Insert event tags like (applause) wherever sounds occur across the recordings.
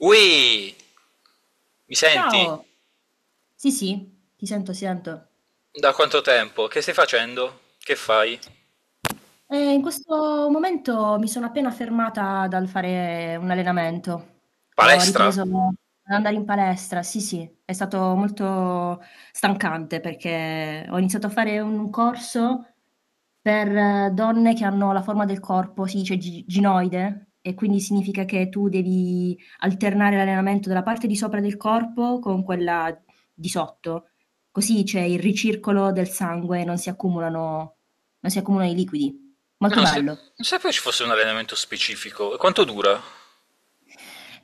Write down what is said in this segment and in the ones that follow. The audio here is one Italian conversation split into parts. Ui, mi senti? Ciao. Sì, sì, ti sento, ti sento. Da quanto tempo? Che stai facendo? Che fai? In questo momento mi sono appena fermata dal fare un allenamento. Ho Palestra? No, ripreso ad andare in palestra, sì, sì, è stato molto stancante perché ho iniziato a fare un corso per donne che hanno la forma del corpo, si dice gi ginoide, e quindi significa che tu devi alternare l'allenamento della parte di sopra del corpo con quella di sotto, così c'è il ricircolo del sangue e non si accumulano i liquidi. Molto non, sa- bello. non sapevo ci fosse un allenamento specifico. E quanto dura?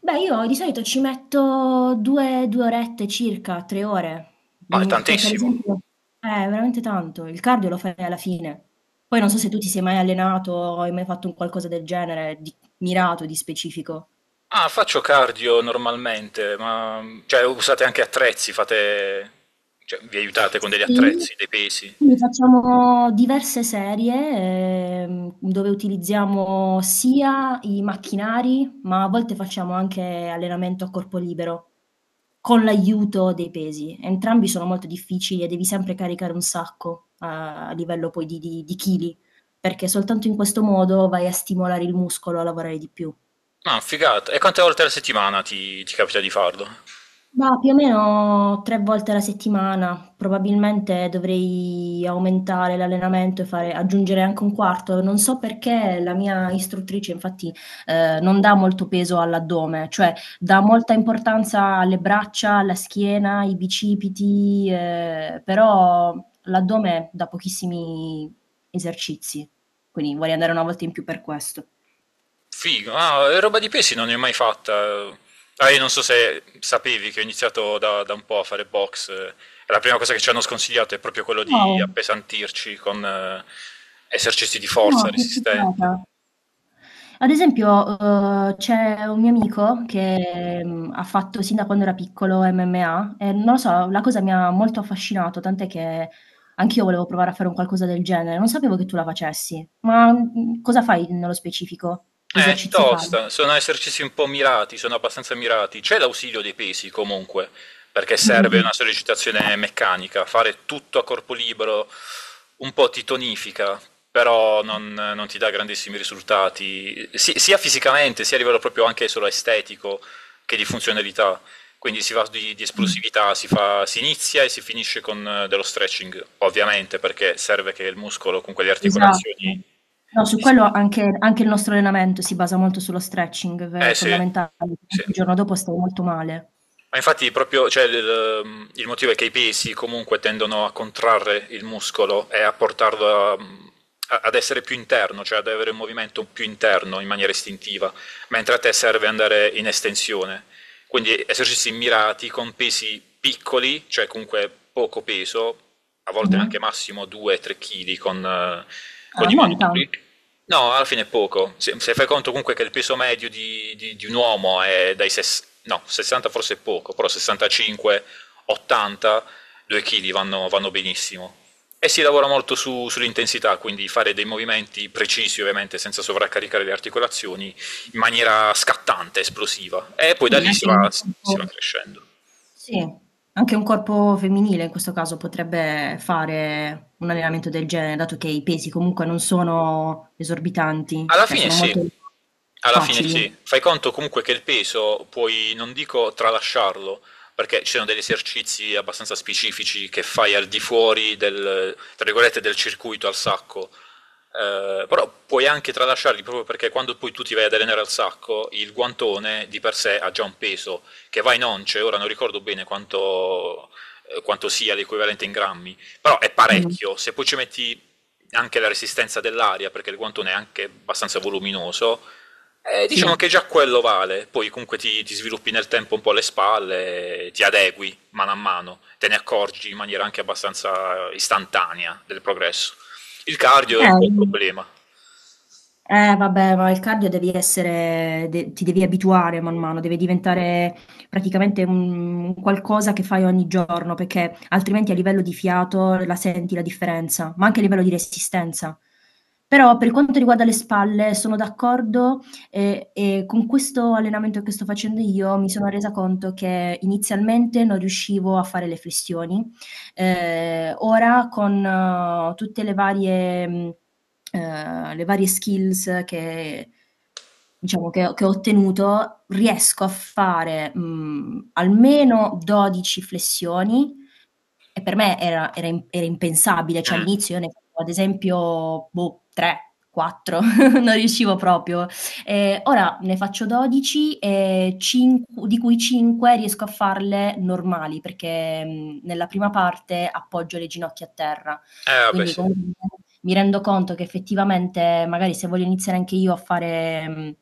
Beh, io di solito ci metto 2 orette circa, 3 ore, Ma è perché ad tantissimo. esempio. Eh, veramente tanto. Il cardio lo fai alla fine. Poi non so se tu ti sei mai allenato o hai mai fatto un qualcosa del genere, di mirato, di specifico. Ah, faccio cardio normalmente, ma cioè usate anche attrezzi, fate cioè vi aiutate con degli Sì, attrezzi, dei pesi. sì, facciamo diverse serie, dove utilizziamo sia i macchinari, ma a volte facciamo anche allenamento a corpo libero, con l'aiuto dei pesi. Entrambi sono molto difficili e devi sempre caricare un sacco, a livello poi di chili, perché soltanto in questo modo vai a stimolare il muscolo a lavorare di più. Ma figata. E quante volte alla settimana ti capita di farlo? Ma più o meno 3 volte alla settimana, probabilmente dovrei aumentare l'allenamento e fare aggiungere anche un quarto. Non so perché la mia istruttrice infatti, non dà molto peso all'addome, cioè dà molta importanza alle braccia, alla schiena, ai bicipiti, però l'addome dà pochissimi esercizi, quindi vorrei andare una volta in più per questo. Figo, ah, roba di pesci non ne ho mai fatta. Ah, io non so se sapevi che ho iniziato da un po' a fare box. La prima cosa che ci hanno sconsigliato è proprio quello di Wow! appesantirci con esercizi di forza No, che resistente. figata. Ad esempio, c'è un mio amico che, ha fatto sin da quando era piccolo MMA e non lo so, la cosa mi ha molto affascinato, tant'è che anch'io volevo provare a fare un qualcosa del genere. Non sapevo che tu la facessi, ma, cosa fai nello specifico? È Che Perché esercizi fai? tosta, sono esercizi un po' mirati, sono abbastanza mirati. C'è l'ausilio dei pesi comunque, perché Mh-mh, serve mh. una sollecitazione meccanica, fare tutto a corpo libero un po' ti tonifica, però non ti dà grandissimi risultati, sia fisicamente, sia a livello proprio anche solo estetico che di funzionalità. Quindi si va di Mh. esplosività, si inizia e si finisce con dello stretching, ovviamente, perché serve che il muscolo, con quelle Esatto. articolazioni. No, su quello anche il nostro allenamento si basa molto sullo stretching, che è Eh sì, fondamentale, sì. altrimenti il giorno dopo stai molto male. Ma infatti proprio, cioè, il motivo è che i pesi comunque tendono a contrarre il muscolo e a portarlo ad essere più interno, cioè ad avere un movimento più interno in maniera istintiva, mentre a te serve andare in estensione. Quindi esercizi mirati con pesi piccoli, cioè comunque poco peso, a volte Mh-mh. anche massimo 2-3 kg con Ah, i non tan manubri. No, alla fine è poco. Se fai conto comunque che il peso medio di un uomo è dai no, 60 forse è poco, però 65, 80, 2 kg vanno benissimo. E si lavora molto sull'intensità, quindi fare dei movimenti precisi, ovviamente, senza sovraccaricare le articolazioni, in maniera scattante, esplosiva. E poi da quindi lì si anche va, un si po' va crescendo. Sì, anche un corpo femminile in questo caso potrebbe fare un allenamento del genere, dato che i pesi comunque non sono esorbitanti, Alla cioè fine sono sì, molto Alla fine facili. sì, fai conto comunque che il peso puoi, non dico tralasciarlo, perché ci sono degli esercizi abbastanza specifici che fai al di fuori del, tra virgolette, del circuito al sacco, però puoi anche tralasciarli proprio perché quando poi tu ti vai ad allenare al sacco, il guantone di per sé ha già un peso che va in once, ora non ricordo bene quanto, quanto sia l'equivalente in grammi, però è Mh-mh. parecchio, se poi ci metti anche la resistenza dell'aria, perché il guantone è anche abbastanza voluminoso, diciamo Sì. che già quello vale, poi comunque ti sviluppi nel tempo un po' le spalle, ti adegui mano a mano, te ne accorgi in maniera anche abbastanza istantanea del progresso. Il cardio è un Eh po' un problema. Eh vabbè, ma il cardio devi essere de ti devi abituare man mano, deve diventare praticamente un qualcosa che fai ogni giorno, perché altrimenti a livello di fiato la senti la differenza, ma anche a livello di resistenza. Però per quanto riguarda le spalle sono d'accordo, e con questo allenamento che sto facendo io mi sono resa conto che inizialmente non riuscivo a fare le flessioni. Ora con tutte le varie skills che diciamo che ho ottenuto, riesco a fare, almeno 12 flessioni e per me era impensabile, cioè Mm. all'inizio io ne facevo ad esempio, boh, 3, 4, (laughs) non riuscivo proprio. Ora ne faccio 12, e di cui 5 riesco a farle normali, perché nella prima parte appoggio le ginocchia a terra. Vabbè, Quindi sì. comunque mi rendo conto che effettivamente, magari se voglio iniziare anche io a fare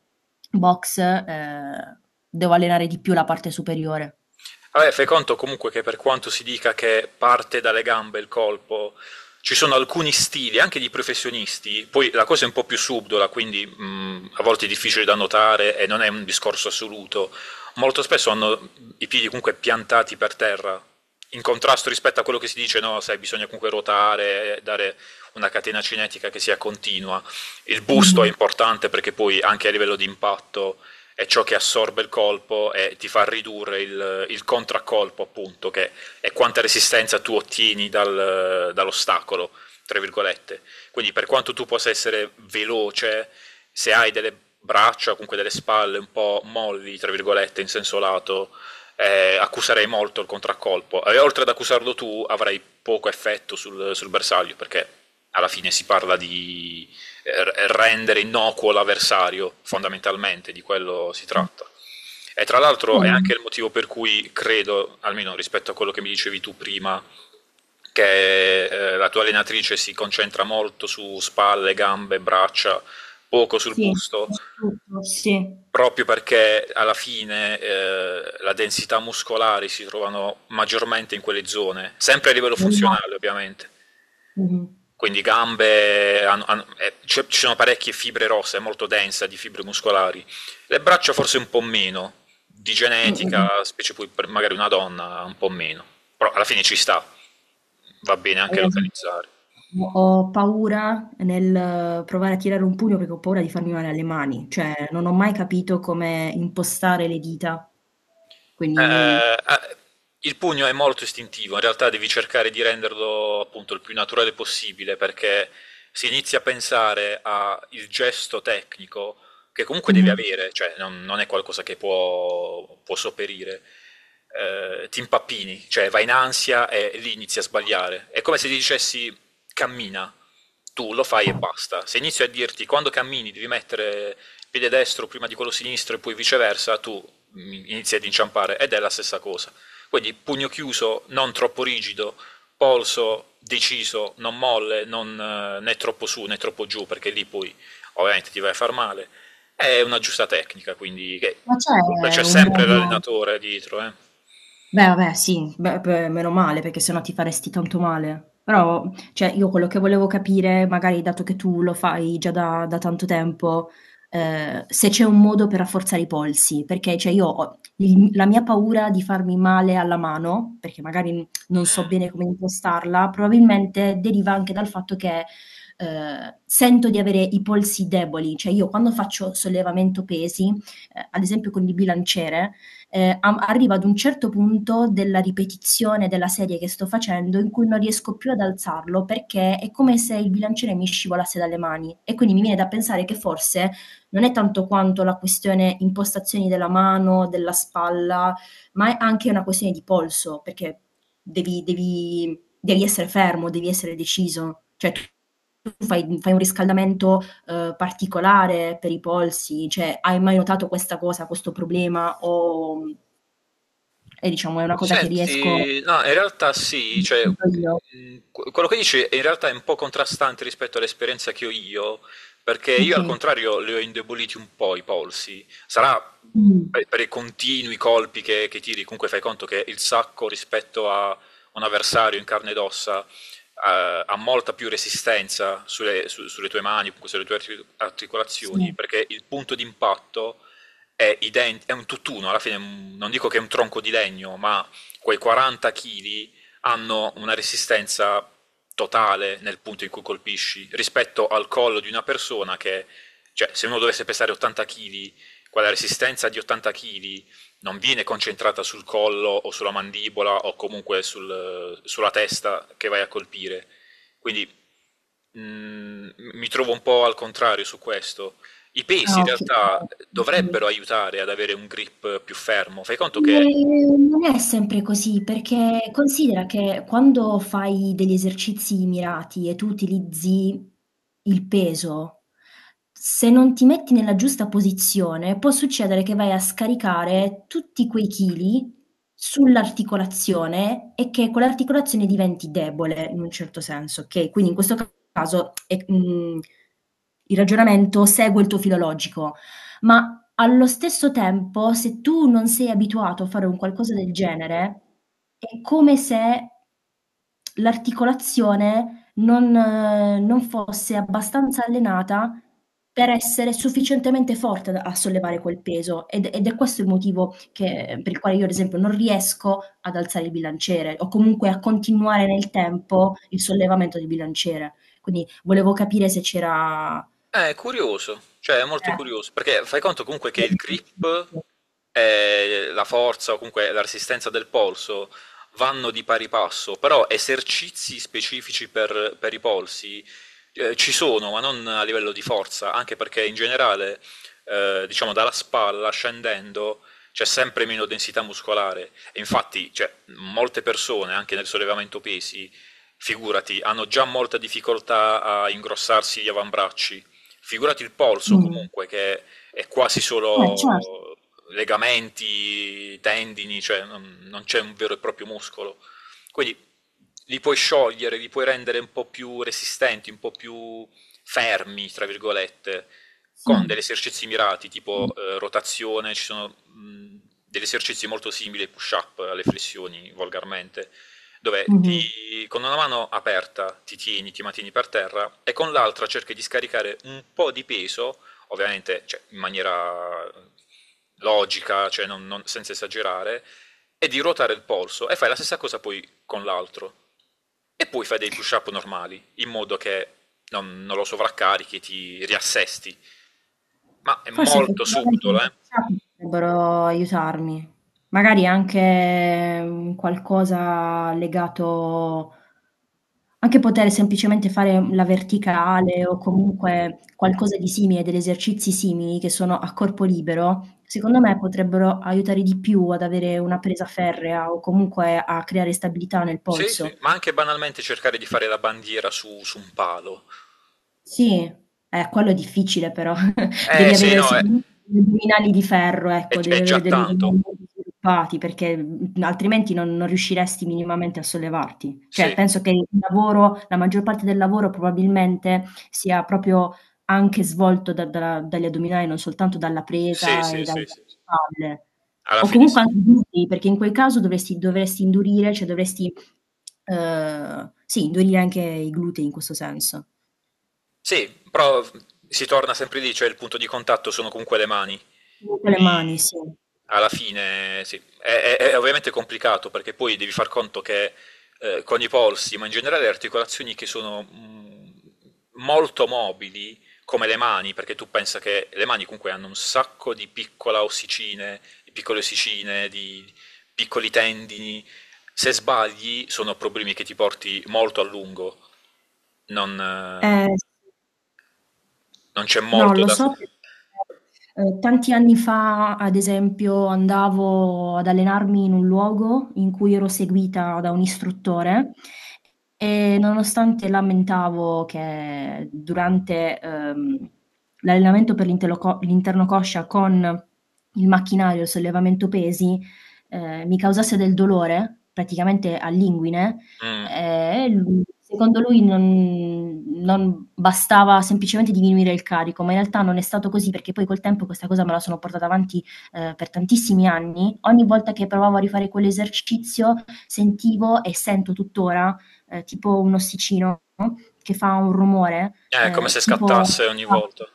box, devo allenare di più la parte superiore. Vabbè, fai conto comunque che per quanto si dica che parte dalle gambe il colpo, ci sono alcuni stili, anche di professionisti, poi la cosa è un po' più subdola, quindi a volte è difficile da notare e non è un discorso assoluto. Molto spesso hanno i piedi comunque piantati per terra, in contrasto rispetto a quello che si dice, no, sai, bisogna comunque ruotare, dare una catena cinetica che sia continua. Il busto è Mh-mh, importante perché poi anche a livello di impatto è ciò che assorbe il colpo e ti fa ridurre il contraccolpo, appunto, che è quanta resistenza tu ottieni dall'ostacolo, tra virgolette. Quindi per quanto tu possa essere veloce, se hai delle braccia, comunque delle spalle un po' molli, tra virgolette, in senso lato, accuserei molto il contraccolpo. E oltre ad accusarlo tu, avrai poco effetto sul bersaglio, perché alla fine si parla di rendere innocuo l'avversario, fondamentalmente di quello si sì. tratta. E tra l'altro è Vero. anche il motivo per cui credo, almeno rispetto a quello che mi dicevi tu prima, che la tua allenatrice si concentra molto su spalle, gambe, braccia, poco sul Sì, busto, su su tutto. Sì. proprio perché alla fine la densità muscolare si trovano maggiormente in quelle zone, sempre a livello Sbagliato. funzionale ovviamente. Mh-mh. Quindi gambe, ci sono parecchie fibre rosse, è molto densa di fibre muscolari. Le braccia forse un po' meno, di Mh, mh, mh. genetica, specie poi per magari una donna un po' meno, però alla fine ci sta, va bene Hai anche ragione. localizzare. Ho paura nel provare a tirare un pugno perché ho paura di farmi male alle mani, cioè non ho mai capito come impostare le dita. Quindi. Eh, ah, il pugno è molto istintivo, in realtà devi cercare di renderlo appunto il più naturale possibile perché si inizia a pensare al gesto tecnico che comunque devi Mh-mh. avere, cioè non è qualcosa che può sopperire. Ti impappini, cioè vai in ansia e lì inizi a sbagliare. È come se ti dicessi cammina, tu lo fai e basta. Se inizio a dirti quando cammini devi mettere il piede destro prima di quello sinistro e poi viceversa, tu inizia ad inciampare ed è la stessa cosa. Quindi pugno chiuso, non troppo rigido, polso deciso, non molle, non, né troppo su né troppo giù, perché lì poi ovviamente ti vai a far male. È una giusta tecnica, Ma c'è c'è un sempre modo. l'allenatore dietro. Beh, vabbè sì, beh, meno male perché se no ti faresti tanto male. Però, cioè io quello che volevo capire, magari dato che tu lo fai già da tanto tempo, se c'è un modo per rafforzare i polsi, perché cioè io ho il la mia paura di farmi male alla mano, perché magari non so Mm. bene come impostarla, probabilmente deriva anche dal fatto che, sento di avere i polsi deboli. Cioè io quando faccio sollevamento pesi, ad esempio con il bilanciere, arrivo ad un certo punto della ripetizione della serie che sto facendo in cui non riesco più ad alzarlo perché è come se il bilanciere mi scivolasse dalle mani e quindi mi viene da pensare che forse non è tanto quanto la questione impostazioni della mano, della spalla, ma è anche una questione di polso, perché devi essere fermo, devi essere deciso. Cioè, tu fai un riscaldamento particolare per i polsi? Cioè, hai mai notato questa cosa, questo problema o è diciamo è una cosa Senti, no, in realtà che sì, cioè, sento io? Quello che dici è in realtà è un po' contrastante rispetto all'esperienza che ho io, perché io al Okay. contrario li ho indeboliti un po' i polsi. Sarà mh, Mh. per i continui colpi che tiri, comunque fai conto che il sacco rispetto a un avversario in carne ed ossa ha molta più resistenza sulle, sulle tue mani, comunque sulle tue Sì. articolazioni, perché il punto d'impatto è un tutt'uno, alla fine non dico che è un tronco di legno, ma quei 40 kg hanno una resistenza totale nel punto in cui colpisci rispetto al collo di una persona che, cioè, se uno dovesse pesare 80 kg, quella resistenza di 80 kg non viene concentrata sul collo o sulla mandibola o comunque sulla testa che vai a colpire. Quindi mi trovo un po' al contrario su questo. I pesi in Ah, okay. realtà Okay. dovrebbero aiutare ad avere un grip più fermo. Fai conto che. Non è sempre così, perché considera che quando fai degli esercizi mirati e tu utilizzi il peso, se non ti metti nella giusta posizione, può succedere che vai a scaricare tutti quei chili sull'articolazione e che quell'articolazione diventi debole in un certo senso, okay? Quindi in questo caso è il ragionamento segue il tuo filo logico, ma allo stesso tempo, se tu non sei abituato a fare un qualcosa del genere, è come se l'articolazione non fosse abbastanza allenata per essere sufficientemente forte da a sollevare quel peso, ed è questo il motivo che per il quale io, ad esempio, non riesco ad alzare il bilanciere, o comunque a continuare nel tempo il sollevamento del bilanciere. Quindi volevo capire se c'era È curioso, cioè è molto eh, curioso, perché fai conto comunque che un il grip esercizio. e la forza o comunque la resistenza del polso vanno di pari passo, però esercizi specifici per i polsi ci sono, ma non a livello di forza, anche perché in generale, diciamo, dalla spalla scendendo c'è sempre meno densità muscolare. E infatti, cioè, molte persone, anche nel sollevamento pesi, figurati, hanno già molta difficoltà a ingrossarsi gli avambracci. Figurati il polso Mh. comunque che è quasi Eh certo, solo legamenti, tendini, cioè non c'è un vero e proprio muscolo. Quindi li puoi sciogliere, li puoi rendere un po' più resistenti, un po' più fermi, tra virgolette, sì. con degli esercizi mirati, Mh. tipo rotazione, ci sono degli esercizi molto simili ai push-up, alle flessioni, volgarmente, dove Mh-mh. Con una mano aperta ti tieni, ti mantieni per terra e con l'altra cerchi di scaricare un po' di peso, ovviamente cioè, in maniera logica, cioè senza esagerare, e di ruotare il polso e fai la stessa cosa poi con l'altro. E poi fai dei push-up normali, in modo che non lo sovraccarichi, ti riassesti. Ma è Forse molto effettivamente le subdolo, eh? workshop potrebbero aiutarmi. Magari anche un qualcosa legato anche poter semplicemente fare la verticale o comunque qualcosa di simile, degli esercizi simili che sono a corpo libero, secondo me potrebbero aiutare di più ad avere una presa ferrea o comunque a creare stabilità nel Sì, sì. polso. Ma anche banalmente cercare di fare la bandiera su un palo. Sì, quello è difficile però. Devi Eh sì, avere no, è, sicuramente degli addominali di ferro, è- ecco, devi è avere già degli tanto. addominali molto sviluppati perché, altrimenti non riusciresti minimamente a sollevarti. Cioè, Sì, penso che il lavoro la maggior parte del lavoro probabilmente sia proprio anche svolto da da dagli addominali, non soltanto dalla sì, presa e sì, dalle sì, sì. Sì. spalle. Alla O fine comunque sì. anche glutei, perché in quel caso dovresti indurire, cioè dovresti, sì, indurire anche i glutei in questo senso. Sì, però si torna sempre lì, cioè il punto di contatto sono comunque le mani, Comunque le quindi mani, sì. alla fine sì. È ovviamente complicato perché poi devi far conto che con i polsi, ma in generale le articolazioni che sono molto mobili, come le mani, perché tu pensa che le mani comunque hanno un sacco di piccole ossicine, di piccoli tendini, se sbagli sono problemi che ti porti molto a lungo non, eh, Sì. non c'è No, molto lo da... so perché, tanti anni fa, ad esempio, andavo ad allenarmi in un luogo in cui ero seguita da un istruttore e nonostante lamentavo che durante, l'allenamento per l'interno coscia con il macchinario, il sollevamento pesi, mi causasse del dolore, praticamente all'inguine, Mm. Lui secondo lui non bastava semplicemente diminuire il carico, ma in realtà non è stato così perché poi col tempo questa cosa me la sono portata avanti, per tantissimi anni. Ogni volta che provavo a rifare quell'esercizio sentivo e sento tuttora tipo un ossicino che fa un rumore, È come se tipo scattasse ogni volta.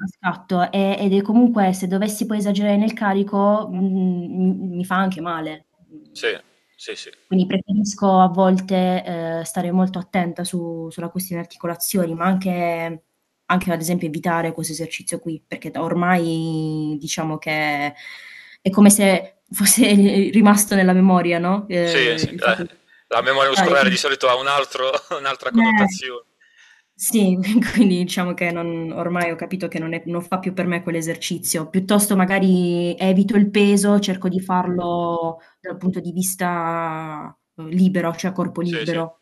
a scatto, ed è comunque se dovessi poi esagerare nel carico, mi fa anche male. Mhmm, Sì, sì, sì. quindi preferisco a volte, stare molto attenta su sulla questione articolazioni, ma anche ad esempio evitare questo esercizio qui, perché da ormai diciamo che è come se fosse (laughs) rimasto nella memoria, no, Sì, sì, il fatto di la memoria scattare, muscolare di quindi solito ha (laughs) un'altra eh, connotazione. sì, (laughs) quindi diciamo che non ormai ho capito che non fa più per me quell'esercizio. Piuttosto magari evito il peso, cerco di farlo dal punto di vista, libero, cioè a corpo Sì, sì. libero.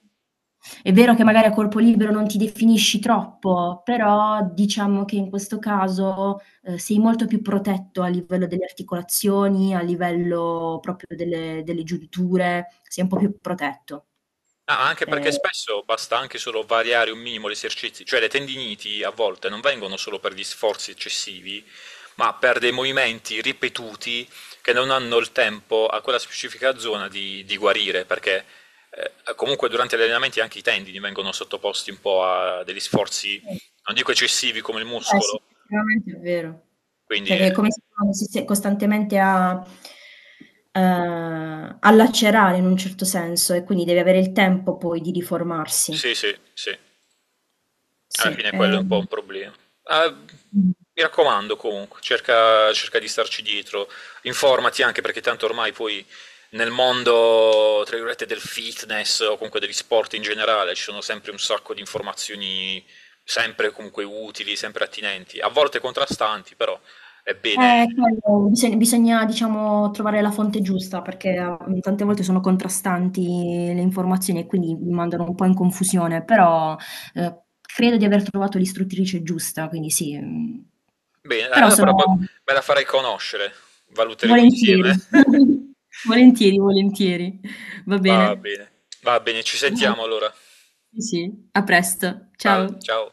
È vero che magari a corpo libero non ti definisci troppo, però diciamo che in questo caso, sei molto più protetto a livello delle articolazioni, a livello proprio delle giunture, sei un po' più protetto. Ah, anche perché Ehm, spesso basta anche solo variare un minimo gli esercizi, cioè le tendiniti a volte non vengono solo per gli sforzi eccessivi, ma per dei movimenti ripetuti che non hanno il tempo a quella specifica zona di guarire, perché comunque durante gli allenamenti anche i tendini vengono sottoposti un po' a degli sforzi, sì. non dico eccessivi come il Beh sì, muscolo, effettivamente è vero. Cioè quindi che è come se uno si stesse costantemente a lacerare in un certo senso e quindi deve avere il tempo poi di riformarsi. sì, sì, sì. Alla Sì, fine quello è un po' un problema. Ah, mh. mi raccomando comunque, cerca di starci dietro, informati anche perché tanto ormai poi nel mondo, tra virgolette, del fitness o comunque degli sport in generale ci sono sempre un sacco di informazioni, sempre comunque utili, sempre attinenti, a volte contrastanti, però è bene, quello bisogna diciamo trovare la fonte giusta perché, tante volte sono contrastanti le informazioni e quindi mi mandano un po' in confusione, però, credo di aver trovato l'istruttrice giusta, quindi sì, però bene, eh, però poi sono. me la farai conoscere, valuteremo Volentieri. insieme. (laughs) (laughs) Volentieri, volentieri. Va Va bene. bene, va bene, ci Ciao. sentiamo allora. Sì, sì. A presto. Sal- Ciao. ciao.